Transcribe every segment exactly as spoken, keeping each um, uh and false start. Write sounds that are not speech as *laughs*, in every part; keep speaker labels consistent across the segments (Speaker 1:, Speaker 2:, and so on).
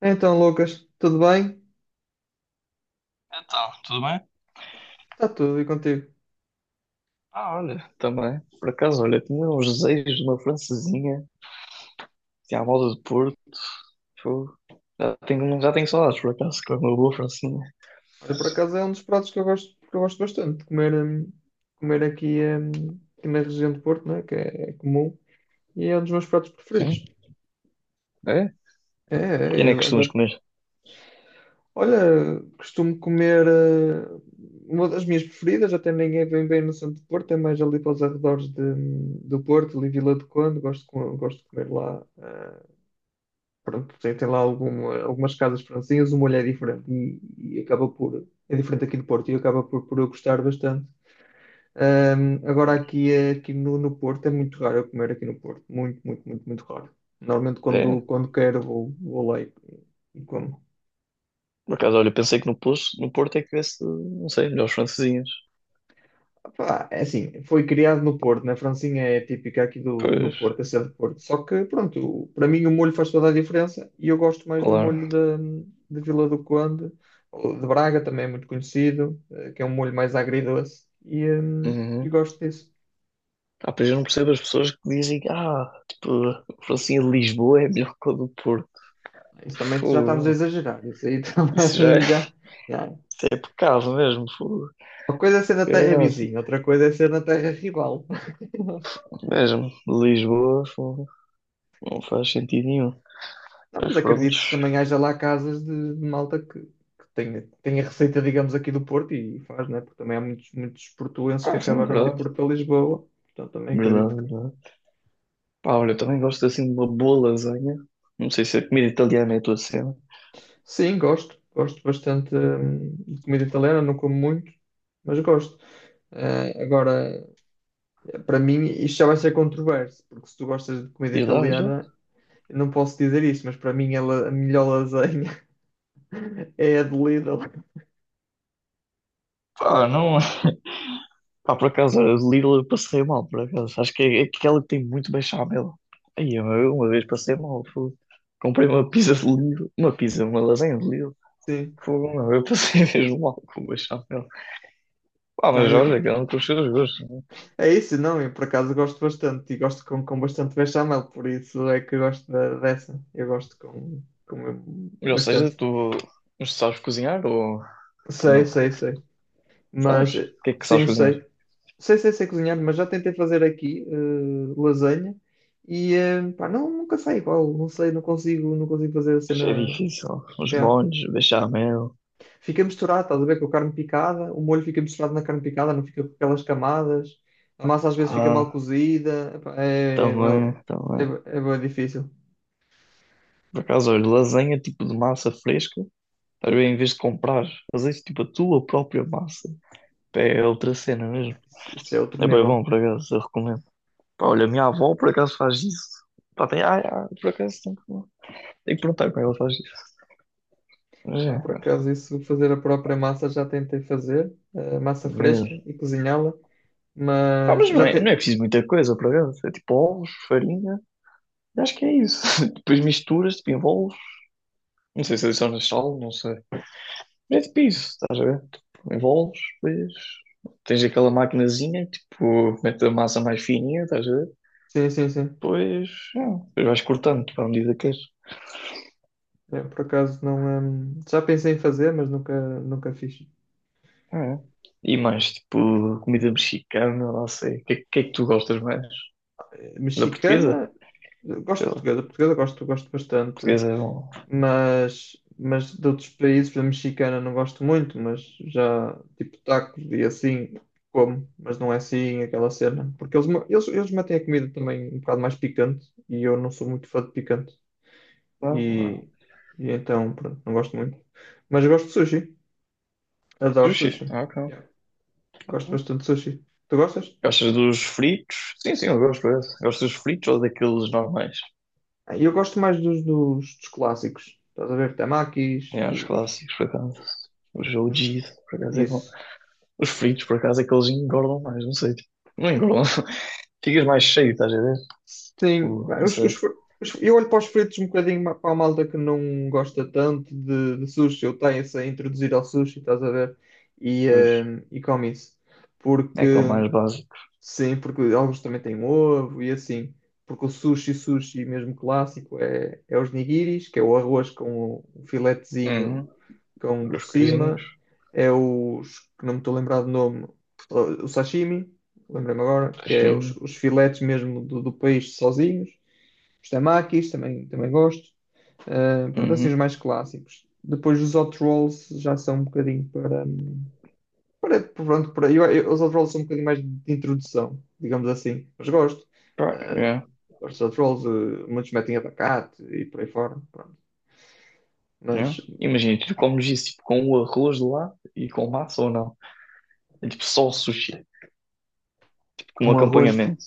Speaker 1: Então, Lucas, tudo bem?
Speaker 2: Então, tudo bem?
Speaker 1: Está tudo e contigo?
Speaker 2: Ah, olha, também. Por acaso, olha, tinha uns desejos de uma francesinha, tinha a moda do Porto. Fogo. Já tenho, já tenho saudades, por acaso, com uma boa francesinha.
Speaker 1: Olha, por acaso é um dos pratos que eu gosto, que eu gosto bastante de comer, hum, comer aqui, hum, aqui na região do Porto, né? Que é, é comum, e é um dos meus pratos
Speaker 2: Sim,
Speaker 1: preferidos.
Speaker 2: é?
Speaker 1: É,
Speaker 2: E
Speaker 1: é,
Speaker 2: nem
Speaker 1: eu
Speaker 2: costumas
Speaker 1: adoro.
Speaker 2: comer.
Speaker 1: Olha, costumo comer, eh, uma das minhas preferidas, até nem é bem bem no centro do Porto, é mais ali para os arredores de, hum, do Porto, ali Vila do Conde, gosto, de co- gosto de comer lá hum, pronto, tem, tem lá alguma, algumas casas francesinhas, o molho é diferente e, e acaba por, é diferente aqui do Porto e acaba por, por eu gostar bastante. Ahm, agora aqui, é- aqui no, no Porto é muito raro eu comer aqui no Porto, muito, muito, muito, muito raro. Normalmente quando,
Speaker 2: É?
Speaker 1: quando quero vou, vou lá e, e como.
Speaker 2: Por acaso, olha, pensei que no Porto, no Porto é que tivesse, não sei, melhores francesinhas.
Speaker 1: Pá, é assim, foi criado no Porto, né? A Francinha é típica aqui do, do
Speaker 2: Pois,
Speaker 1: Porto, é ser do Porto. Só que, pronto, o- para mim o molho faz toda a diferença e eu gosto mais do
Speaker 2: claro.
Speaker 1: molho de, de Vila do Conde, ou de Braga também é muito conhecido, eh, que é um molho mais agridoce e, hum, e
Speaker 2: Uhum.
Speaker 1: gosto disso.
Speaker 2: Ah, pois eu não percebo as pessoas que dizem, ah, tipo, a francesinha de Lisboa é melhor que a do Porto.
Speaker 1: Isso também já estamos a
Speaker 2: Fogo.
Speaker 1: exagerar, isso aí *laughs*
Speaker 2: Isso já é,
Speaker 1: também já,
Speaker 2: *laughs*
Speaker 1: já.
Speaker 2: isso é pecado mesmo, fogo.
Speaker 1: Uma coisa é ser na terra vizinha, outra coisa é ser na terra rival.
Speaker 2: Mesmo, Lisboa fogo, não faz sentido nenhum.
Speaker 1: Não,
Speaker 2: Mas
Speaker 1: mas acredito que
Speaker 2: prontos.
Speaker 1: também haja lá casas de, de malta que, que tenha, tenha receita, digamos, aqui do Porto e faz, né? Porque também há muitos, muitos portuenses que
Speaker 2: Ah, sim,
Speaker 1: acabaram de ir
Speaker 2: verdade,
Speaker 1: para Lisboa. Portanto, também acredito
Speaker 2: verdade,
Speaker 1: que.
Speaker 2: verdade. Pá, olha, eu também gosto assim de uma boa lasanha. Não sei se a comida italiana é a tua cena.
Speaker 1: Sim, gosto. Gosto bastante hum, de comida italiana, não como muito, mas gosto. Eh, agora, para mim, isto já vai ser controverso, porque se tu gostas de comida
Speaker 2: Diz lá, diz
Speaker 1: italiana, eu não posso dizer isto, mas para mim ela, a melhor lasanha *laughs* é a de Lidl.
Speaker 2: Pá, não. É. Pá, por acaso, a Lidl eu passei mal, por acaso. Acho que é aquela que tem muito bem chamelo. Aí, eu eu uma vez passei mal, fogo. Comprei uma pizza de Lidl. Uma pizza, uma lasanha de Lidl.
Speaker 1: Sim.
Speaker 2: Fogo, não, eu passei *laughs* mesmo mal com o bechamel. Pá,
Speaker 1: Não,
Speaker 2: mas
Speaker 1: eu,
Speaker 2: olha, cada um com os seus gostos.
Speaker 1: é isso, não, eu por acaso gosto bastante e gosto com, com bastante bechamel, por isso é que eu gosto da- dessa. Eu gosto com, com
Speaker 2: Ou seja,
Speaker 1: bastante.
Speaker 2: tu sabes cozinhar ou
Speaker 1: Sei,
Speaker 2: não?
Speaker 1: sei, sei.
Speaker 2: Sabes?
Speaker 1: Mas
Speaker 2: O que é que sabes
Speaker 1: sim,
Speaker 2: cozinhar?
Speaker 1: sei. Sei, sei, sei cozinhar, mas já tentei fazer aqui eh, lasanha e eh, pá, não, nunca sai igual, não sei, não consigo, não consigo fazer a
Speaker 2: É
Speaker 1: cena.
Speaker 2: difícil. Os
Speaker 1: Yeah.
Speaker 2: molhos, bechamel.
Speaker 1: Fica misturado, estás a ver, com a carne picada, o molho fica misturado na carne picada, não fica com aquelas camadas, a massa às vezes fica mal
Speaker 2: Ah,
Speaker 1: cozida, epá, é, é,
Speaker 2: também,
Speaker 1: bué-
Speaker 2: também.
Speaker 1: é, bué- é bué difícil.
Speaker 2: Por acaso, olha, lasanha tipo de massa fresca. Às vezes, em vez de comprar, fazes tipo a tua própria massa. Pá, é outra cena mesmo.
Speaker 1: Isso, isso é outro
Speaker 2: É bem bom,
Speaker 1: nível.
Speaker 2: por acaso, eu recomendo. Pá, olha, a minha avó por acaso faz isso. Pá, tem, ah, ah, por acaso tem que, tem que perguntar como ela faz isso. Mas
Speaker 1: Não,
Speaker 2: é,
Speaker 1: por acaso, isso de fazer a própria massa já tentei fazer, eh, massa fresca
Speaker 2: mesmo.
Speaker 1: e cozinhá-la,
Speaker 2: Ah,
Speaker 1: mas
Speaker 2: mas não
Speaker 1: já
Speaker 2: é, não é
Speaker 1: te...
Speaker 2: preciso muita coisa, por acaso. É tipo ovos, farinha. Eu acho que é isso. *laughs* Depois misturas, tipo, envolves. Não sei se adicionas sal, não sei. É tipo isso, estás a ver? Tipo, envolves, depois tens aquela maquinazinha, tipo, mete a massa mais fininha, estás a ver?
Speaker 1: Sim, sim, sim.
Speaker 2: Depois, é, depois vais cortando, tipo, à medida que queres.
Speaker 1: É, por acaso não. hum, já pensei em fazer, mas nunca, nunca fiz.
Speaker 2: É. E mais, tipo, comida mexicana, não sei. O que, é que é que tu gostas mais?
Speaker 1: Eh,
Speaker 2: Da portuguesa?
Speaker 1: Mexicana, eh, gosto
Speaker 2: Sei
Speaker 1: de
Speaker 2: lá.
Speaker 1: portuguesa, portuguesa gosto, gosto bastante.
Speaker 2: Portuguesa é bom.
Speaker 1: mas, mas de outros países, por exemplo, mexicana não gosto muito, mas já tipo tacos e assim como, mas não é assim aquela cena. Porque eles, ma- eles, eles metem a comida também um bocado mais picante e eu não sou muito fã de picante.
Speaker 2: Não, não.
Speaker 1: E,
Speaker 2: É.
Speaker 1: e então, pronto, não gosto muito. Mas eu gosto de sushi, adoro
Speaker 2: Sushi,
Speaker 1: sushi.
Speaker 2: ah, ok.
Speaker 1: Yeah. Gosto bastante de sushi. Tu gostas?
Speaker 2: Gostas dos fritos? Sim, sim, eu gosto, é. Gostas dos fritos ou daqueles normais?
Speaker 1: Ah, eu gosto mais dos, dos, dos clássicos. Estás a ver? Tamakis,
Speaker 2: É, os
Speaker 1: os,
Speaker 2: clássicos, por acaso. Os, o jogo
Speaker 1: os,
Speaker 2: de por acaso é bom.
Speaker 1: isso.
Speaker 2: Os fritos, por acaso, é que eles engordam mais, não sei. Tipo, não engordam. *laughs* Ficas mais cheio, estás a ver?
Speaker 1: Sim,
Speaker 2: Tipo,
Speaker 1: pá,
Speaker 2: não
Speaker 1: os-
Speaker 2: sei.
Speaker 1: os fr- os- eu olho para os fritos um bocadinho ma- para a malta que não gosta tanto de, de sushi, eu tenho-se a introduzir ao sushi, estás a ver? E,
Speaker 2: Pois.
Speaker 1: eh, e come isso. Porque
Speaker 2: É que é o mais básico.
Speaker 1: Sim, porque alguns também têm ovo e assim. Porque o sushi, sushi mesmo clássico, é, é os nigiris, que é o arroz com o filetezinho
Speaker 2: Uhum.
Speaker 1: com por
Speaker 2: Os coisinhos,
Speaker 1: cima. É os, que não me estou a lembrar do nome, o sashimi, lembrei-me agora, que é os,
Speaker 2: peixinho.
Speaker 1: os filetes mesmo do, do peixe sozinhos. Os temakis, também, também gosto. Ah, pronto, assim os
Speaker 2: Uhum.
Speaker 1: mais clássicos. Depois os hot rolls já são um bocadinho para, hum, para- pronto, por aí. Eu, eu- os outros são um bocadinho mais de introdução, digamos assim. Mas gosto.
Speaker 2: Pá,
Speaker 1: Eh,
Speaker 2: é,
Speaker 1: Gosto de outros eh, muitos metem abacate e por aí fora. Pronto.
Speaker 2: é.
Speaker 1: Mas
Speaker 2: Imagina, tu comes isso tipo, com o arroz de lá e com massa ou não. É tipo só o sushi, tipo, com um
Speaker 1: com arroz. de-
Speaker 2: acompanhamento.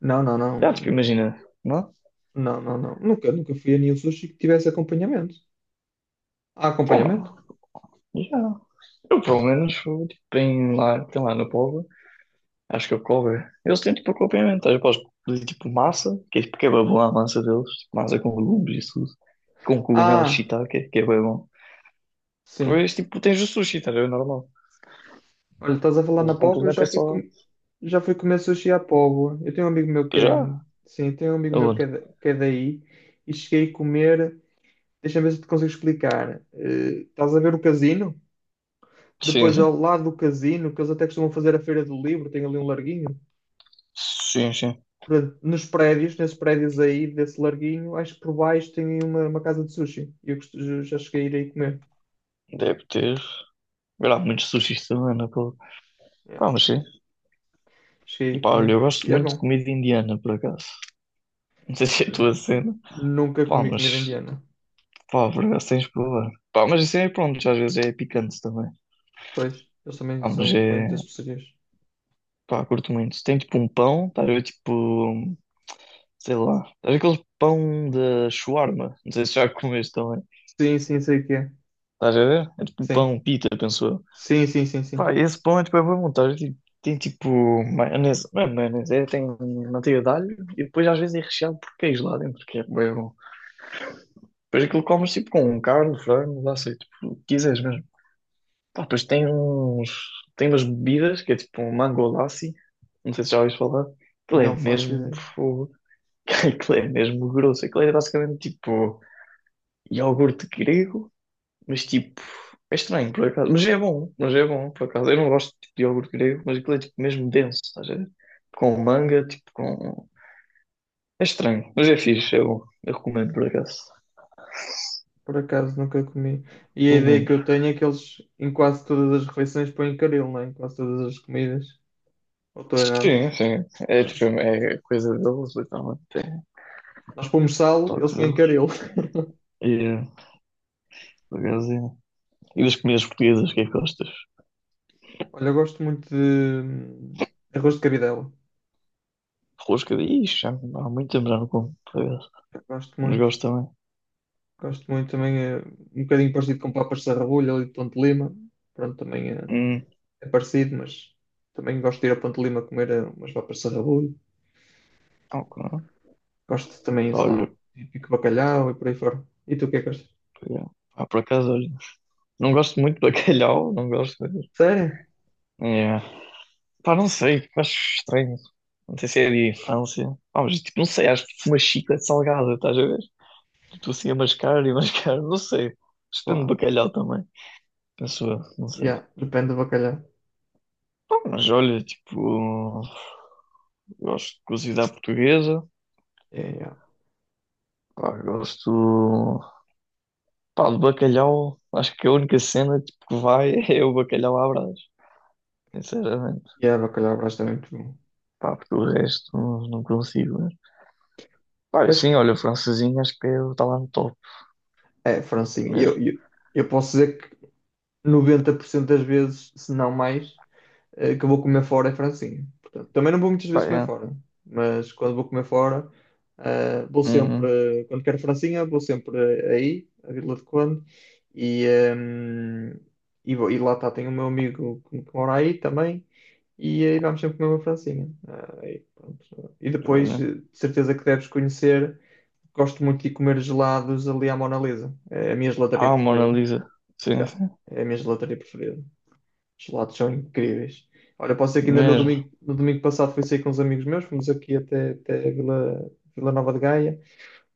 Speaker 1: Não, não,
Speaker 2: Já, tipo,
Speaker 1: não.
Speaker 2: imagina, não?
Speaker 1: Não, não, não. Nunca, nunca fui a nenhum sushi que tivesse acompanhamento. Há
Speaker 2: Pô,
Speaker 1: acompanhamento?
Speaker 2: já. Eu pelo menos fui tipo, em lá, tem lá no povo. Acho que é o Kobe. Eles têm tipo acompanhamento. Tá? Eu posso pedir tipo massa, que é tipo que é bué bom a massa deles. Tipo, massa com legumes e tudo. Com cogumelos
Speaker 1: Ah,
Speaker 2: shiitake, que é bem bom.
Speaker 1: sim.
Speaker 2: Depois tipo tens o sushi, tá a ver? É normal.
Speaker 1: Olha, estás a falar na
Speaker 2: O
Speaker 1: Póvoa, eu
Speaker 2: complemento
Speaker 1: já
Speaker 2: é
Speaker 1: fui,
Speaker 2: só.
Speaker 1: com... já fui comer sushi à Póvoa. Eu tenho um amigo meu que é.
Speaker 2: Já?
Speaker 1: Sim, tenho um amigo meu que é,
Speaker 2: Aonde?
Speaker 1: da- que é daí e cheguei a comer. Deixa-me ver se te consigo explicar. Eh, estás a ver o casino?
Speaker 2: Sim,
Speaker 1: Depois, ao
Speaker 2: sim.
Speaker 1: lado do casino, que eles até costumam fazer a Feira do Livro, tem ali um larguinho.
Speaker 2: Sim, sim.
Speaker 1: Portanto, nos prédios, nesses prédios aí, desse larguinho, acho que por baixo tem aí uma, uma casa de sushi. E eu costu- eu já cheguei a ir aí comer.
Speaker 2: Deve ter. Há muitos sushis também, não é? Pô?
Speaker 1: Yeah.
Speaker 2: Pá, mas sim.
Speaker 1: Cheguei a
Speaker 2: E
Speaker 1: ir
Speaker 2: pá, olha,
Speaker 1: comer.
Speaker 2: eu gosto
Speaker 1: E é
Speaker 2: muito de
Speaker 1: bom.
Speaker 2: comida indiana, por acaso. Não sei *laughs* se é a
Speaker 1: Olha,
Speaker 2: tua cena.
Speaker 1: nunca
Speaker 2: Pá,
Speaker 1: comi comida
Speaker 2: mas.
Speaker 1: indiana.
Speaker 2: Pá, por acaso tens de provar. Pá, mas isso aí, pronto, às vezes é picante também.
Speaker 1: Pois, eles também
Speaker 2: Pá, mas
Speaker 1: são,
Speaker 2: é.
Speaker 1: põem muitas especiarias.
Speaker 2: Pá, curto muito. Tem tipo um pão, estás a ver tipo, sei lá, estás a ver aquele pão da shawarma, não sei se já *laughs* comeste também.
Speaker 1: Sim, sim, sei o que é.
Speaker 2: Estás a ver? É tipo um
Speaker 1: Sim.
Speaker 2: pão pita, penso eu.
Speaker 1: Sim, sim, sim, sim.
Speaker 2: Pá, esse pão é tipo, é bem bom, estás a ver? Tipo, tem tipo maionese, não é maionese, é, tem manteiga de alho e depois às vezes é recheado por queijo lá dentro, que é bem bom. Depois aquilo comes tipo com carne, frango, lá sei, tipo, o que quiseres mesmo. Pá, depois tem uns, tem umas bebidas que é tipo um mango lassi, não sei se já ouviste falar. Aquilo é
Speaker 1: Não faço
Speaker 2: mesmo
Speaker 1: ideia.
Speaker 2: fogo. *laughs* Aquilo é mesmo grosso. Aquilo é basicamente tipo iogurte grego, mas tipo. É estranho, por acaso. Mas é bom, mas é bom, por acaso. Eu não gosto tipo, de iogurte grego, mas aquilo é tipo mesmo denso, estás a ver? Com manga, tipo com. É estranho, mas é fixe, é bom. Eu recomendo, por acaso.
Speaker 1: Por acaso nunca comi. E a ideia que
Speaker 2: Recomendo.
Speaker 1: eu tenho é que eles em quase todas as refeições põem caril, não é? Em quase todas as comidas. Ou estou errado?
Speaker 2: Sim, sim. É
Speaker 1: É.
Speaker 2: tipo, é coisa deles, literalmente. É
Speaker 1: Nós pomos sal, eles
Speaker 2: toque
Speaker 1: põem
Speaker 2: deles.
Speaker 1: caril. *laughs*
Speaker 2: E, é, por acaso, é. E das comidas portuguesas, o que é que gostas?
Speaker 1: Olha, eu gosto muito de hum, arroz de cabidela.
Speaker 2: Rosca de. Ixi, já há muito tempo já não como, por acaso.
Speaker 1: Eu gosto
Speaker 2: Mas
Speaker 1: muito.
Speaker 2: gosto também.
Speaker 1: Gosto muito também. É um bocadinho parecido com papas de sarrabulho ali de Ponte de Lima. Pronto, também é,
Speaker 2: Hum.
Speaker 1: é parecido, mas também gosto de ir a Ponte de Lima comer eh, umas papas de sarrabulho.
Speaker 2: Ok.
Speaker 1: Gosto também, sei lá, o
Speaker 2: Olho,
Speaker 1: típico bacalhau e por aí fora. E tu o que é que gostas?
Speaker 2: yeah. Ah, por acaso, olha. Não gosto muito de *laughs* bacalhau, não gosto mesmo.
Speaker 1: Sério?
Speaker 2: Yeah. Pá, não sei, acho estranho. Não sei se é de infância. Pá, mas tipo, não sei, acho tipo uma chiclete salgada, estás a ver? Tipo assim a mascar e *laughs* mascar, não sei. Depende do
Speaker 1: Pá,
Speaker 2: bacalhau também. Penso eu, não sei.
Speaker 1: yeah, depende do bacalhau.
Speaker 2: Pá, mas olha, tipo, gosto de cozida portuguesa.
Speaker 1: Yeah, yeah.
Speaker 2: Pá, gosto. Pá, de bacalhau. Acho que a única cena tipo, que vai *laughs* é o bacalhau à Brás, sinceramente.
Speaker 1: Yeah, bacalhau Brás também é muito bom.
Speaker 2: Pá, porque o resto não consigo. Né? Pá,
Speaker 1: Eu acho
Speaker 2: sim,
Speaker 1: que
Speaker 2: olha, o francesinho acho que está lá no top
Speaker 1: é, Francinha. Eu,
Speaker 2: mesmo.
Speaker 1: eu, eu posso dizer que noventa por cento das vezes, se não mais. eh, que eu vou comer fora é francesinha. Portanto, também não vou muitas
Speaker 2: Pá,
Speaker 1: vezes comer
Speaker 2: é.
Speaker 1: fora, mas quando vou comer fora, eh, vou sempre,
Speaker 2: Uhum.
Speaker 1: eh, quando quero francesinha, vou sempre eh, aí, a Vila de Conde, e, ehm, e, vou- e lá está, tenho o meu amigo que, que mora aí também, e aí vamos sempre comer uma francesinha. Ah, aí, pronto. E depois,
Speaker 2: Olha.
Speaker 1: eh, de certeza que deves conhecer, gosto muito de comer gelados ali à Mona Lisa, é a minha gelataria
Speaker 2: Ah, Mona
Speaker 1: preferida.
Speaker 2: Lisa. Sim,
Speaker 1: Já,
Speaker 2: sim.
Speaker 1: é a minha gelataria preferida. Os lados são incríveis. Olha, posso dizer que ainda no
Speaker 2: Mesmo,
Speaker 1: domingo, no domingo passado fui sair com uns amigos meus, fomos aqui até, até Vila, Vila Nova de Gaia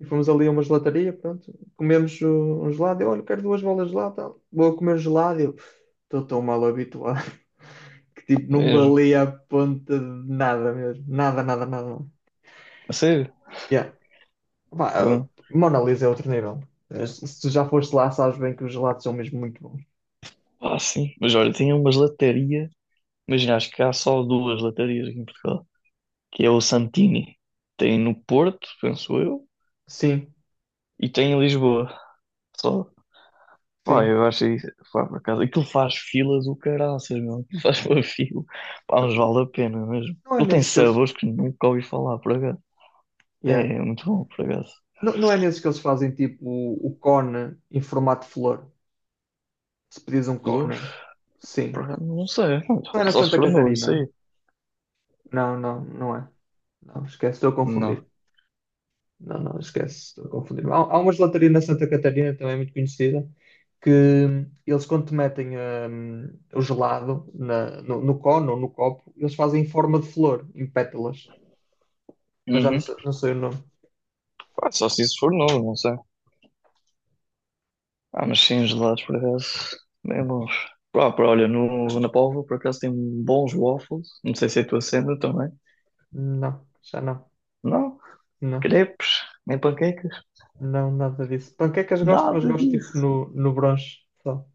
Speaker 1: e fomos ali a uma gelataria, pronto, comemos uh, um gelado, eu, olha, quero duas bolas de gelado, tal. Vou comer gelado, eu estou tão mal habituado *laughs* que tipo, não
Speaker 2: mesmo.
Speaker 1: valia a ponta de nada mesmo, nada, nada, nada.
Speaker 2: A sério?
Speaker 1: Yeah. Pá, uh,
Speaker 2: Então,
Speaker 1: Mona Lisa é outro nível. Uh, Se se tu já foste lá, sabes bem que os gelados são mesmo muito bons.
Speaker 2: ah, sim. Mas olha, tinha umas latarias. Imagina, acho que há só duas latarias aqui em Portugal. Que é o Santini. Tem no Porto, penso eu.
Speaker 1: Sim,
Speaker 2: E tem em Lisboa. Só. Pá,
Speaker 1: sim.
Speaker 2: eu acho isso. Pá, por acaso. Aquilo faz fila do caraças, meu. Aquilo faz uma fila. Pá, mas vale a pena mesmo.
Speaker 1: Não é
Speaker 2: Aquilo tem
Speaker 1: nesses que eles...
Speaker 2: sabores que nunca ouvi falar, por acaso.
Speaker 1: Yeah.
Speaker 2: É, muito bom, por acaso.
Speaker 1: Não, não é nesses que eles fazem tipo o, o cone em formato de flor. Se pedires um
Speaker 2: Flor?
Speaker 1: cone,
Speaker 2: Por
Speaker 1: sim.
Speaker 2: acaso, não sei.
Speaker 1: Não era
Speaker 2: Só se
Speaker 1: Santa
Speaker 2: for novo, isso
Speaker 1: Catarina?
Speaker 2: aí.
Speaker 1: Não, não, não é. Não, esquece, estou a
Speaker 2: Não.
Speaker 1: confundir. Não, não, esquece, estou a confundir. Há, há uma gelataria na Santa Catarina, também é muito conhecida, que hum, eles quando te metem hum, o gelado na- no, no cone ou no copo, eles fazem em forma de flor, em pétalas. Mas já não
Speaker 2: Uhum.
Speaker 1: sei, não sei o nome.
Speaker 2: Pá, só se isso for novo, não sei. Ah, mas sim, os gelados, por acaso, bem bons. Pá, pá, olha, no, na Póvoa, por acaso, tem bons waffles. Não sei se é a tua cena também.
Speaker 1: Não, já não.
Speaker 2: Não?
Speaker 1: Não.
Speaker 2: Crepes? Nem panquecas?
Speaker 1: Não, nada disso. Panquecas gosto, mas
Speaker 2: Nada
Speaker 1: gosto tipo
Speaker 2: disso.
Speaker 1: no, no brunch só.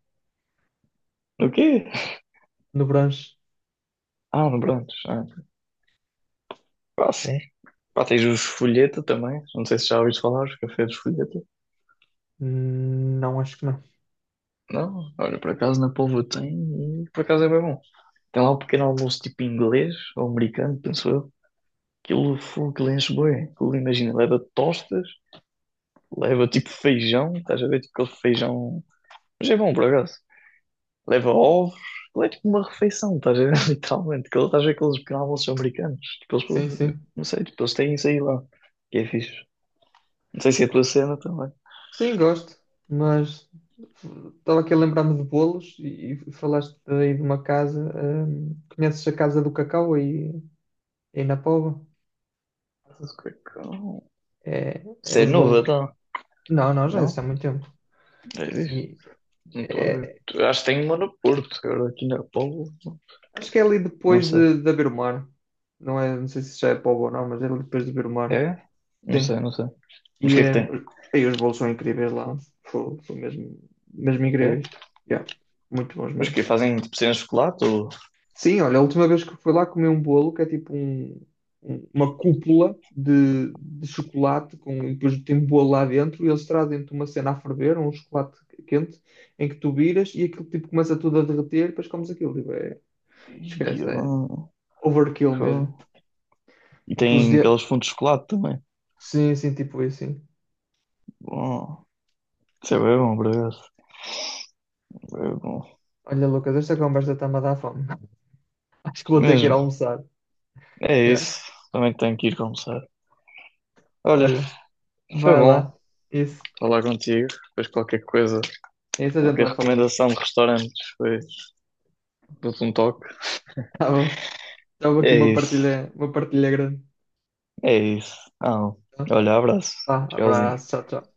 Speaker 2: O quê?
Speaker 1: No brunch,
Speaker 2: Ah, no Brandos. Ah, então. Pá, sim. Pá, tens os folheta também. Não sei se já ouviste falar, os cafés de folheta.
Speaker 1: hum, não acho que não.
Speaker 2: Não? Olha, por acaso, na Póvoa tem e por acaso é bem bom. Tem lá um pequeno almoço tipo inglês ou americano, penso eu. Aquilo, fu, aquilo enche bué. Aquilo, imagina, leva tostas, leva tipo feijão, estás a ver? Tipo aquele feijão. Mas é bom, por acaso. Leva ovos, aquilo é tipo uma refeição, estás a ver? *laughs* Literalmente. Aquilo, estás a ver aqueles pequenos almoços americanos. Tipo,
Speaker 1: Sim,
Speaker 2: eles,
Speaker 1: sim.
Speaker 2: não sei, tipo, eles têm isso aí lá. Que é fixe. Não sei se é a tua cena também.
Speaker 1: Sim, gosto, mas estava aqui a lembrar-me de bolos e, e falaste aí de uma casa. hum, conheces a Casa do Cacau aí, aí na Póvoa?
Speaker 2: Mas o que é que-
Speaker 1: É, é
Speaker 2: Isso é
Speaker 1: os
Speaker 2: novo,
Speaker 1: bolos.
Speaker 2: então,
Speaker 1: Não, não, já existe há
Speaker 2: não?
Speaker 1: muito tempo.
Speaker 2: É isso.
Speaker 1: E
Speaker 2: Não estou a ver.
Speaker 1: é-
Speaker 2: Acho que tem uma no Porto, agora aqui na Póvoa.
Speaker 1: acho que é ali
Speaker 2: Não
Speaker 1: depois
Speaker 2: sei.
Speaker 1: de, de haver mar. Não é, não sei se já é Póvoa ou não, mas é ali depois de haver mar.
Speaker 2: É? Não sei,
Speaker 1: Sim.
Speaker 2: não sei. Mas o
Speaker 1: E,
Speaker 2: que é que
Speaker 1: eh,
Speaker 2: tem?
Speaker 1: e os bolos são incríveis lá. Fo- São mesmo, mesmo
Speaker 2: É?
Speaker 1: incríveis. Yeah, muito bons
Speaker 2: Mas o
Speaker 1: mesmo.
Speaker 2: que fazem tipo cenas de chocolate ou.
Speaker 1: Sim, olha, a última vez que fui lá comi um bolo que é tipo um- um- uma cúpula de, de chocolate com, e depois tem bolo lá dentro e eles trazem-te uma cena a ferver, um chocolate quente, em que tu viras e aquilo tipo começa tudo a derreter e depois comes aquilo. Tipo, é,
Speaker 2: Ih,
Speaker 1: esquece, é
Speaker 2: ah,
Speaker 1: overkill mesmo.
Speaker 2: fogo. E
Speaker 1: Aqueles
Speaker 2: tem
Speaker 1: dias.
Speaker 2: aqueles fundos de chocolate também.
Speaker 1: Sim, sim, tipo isso, sim.
Speaker 2: Bom, isso é bem bom, por acaso. É bom.
Speaker 1: Olha, Lucas, esta conversa está-me a dar fome. *laughs* Acho que vou ter que ir
Speaker 2: Mesmo.
Speaker 1: almoçar.
Speaker 2: É
Speaker 1: Yeah.
Speaker 2: isso. Também tenho que ir almoçar. Olha,
Speaker 1: Olha,
Speaker 2: foi
Speaker 1: vai lá.
Speaker 2: bom
Speaker 1: Isso.
Speaker 2: falar contigo. Depois qualquer coisa,
Speaker 1: Isso a gente
Speaker 2: qualquer
Speaker 1: vai falar.
Speaker 2: recomendação de restaurantes, depois dou-te um toque.
Speaker 1: Tá bom. Estava aqui
Speaker 2: É
Speaker 1: uma
Speaker 2: isso.
Speaker 1: partilha, uma partilha grande.
Speaker 2: É isso. Ah,
Speaker 1: Tá?
Speaker 2: olha, abraço.
Speaker 1: Vá,
Speaker 2: Tchauzinho.
Speaker 1: abraço, tchau, tchau.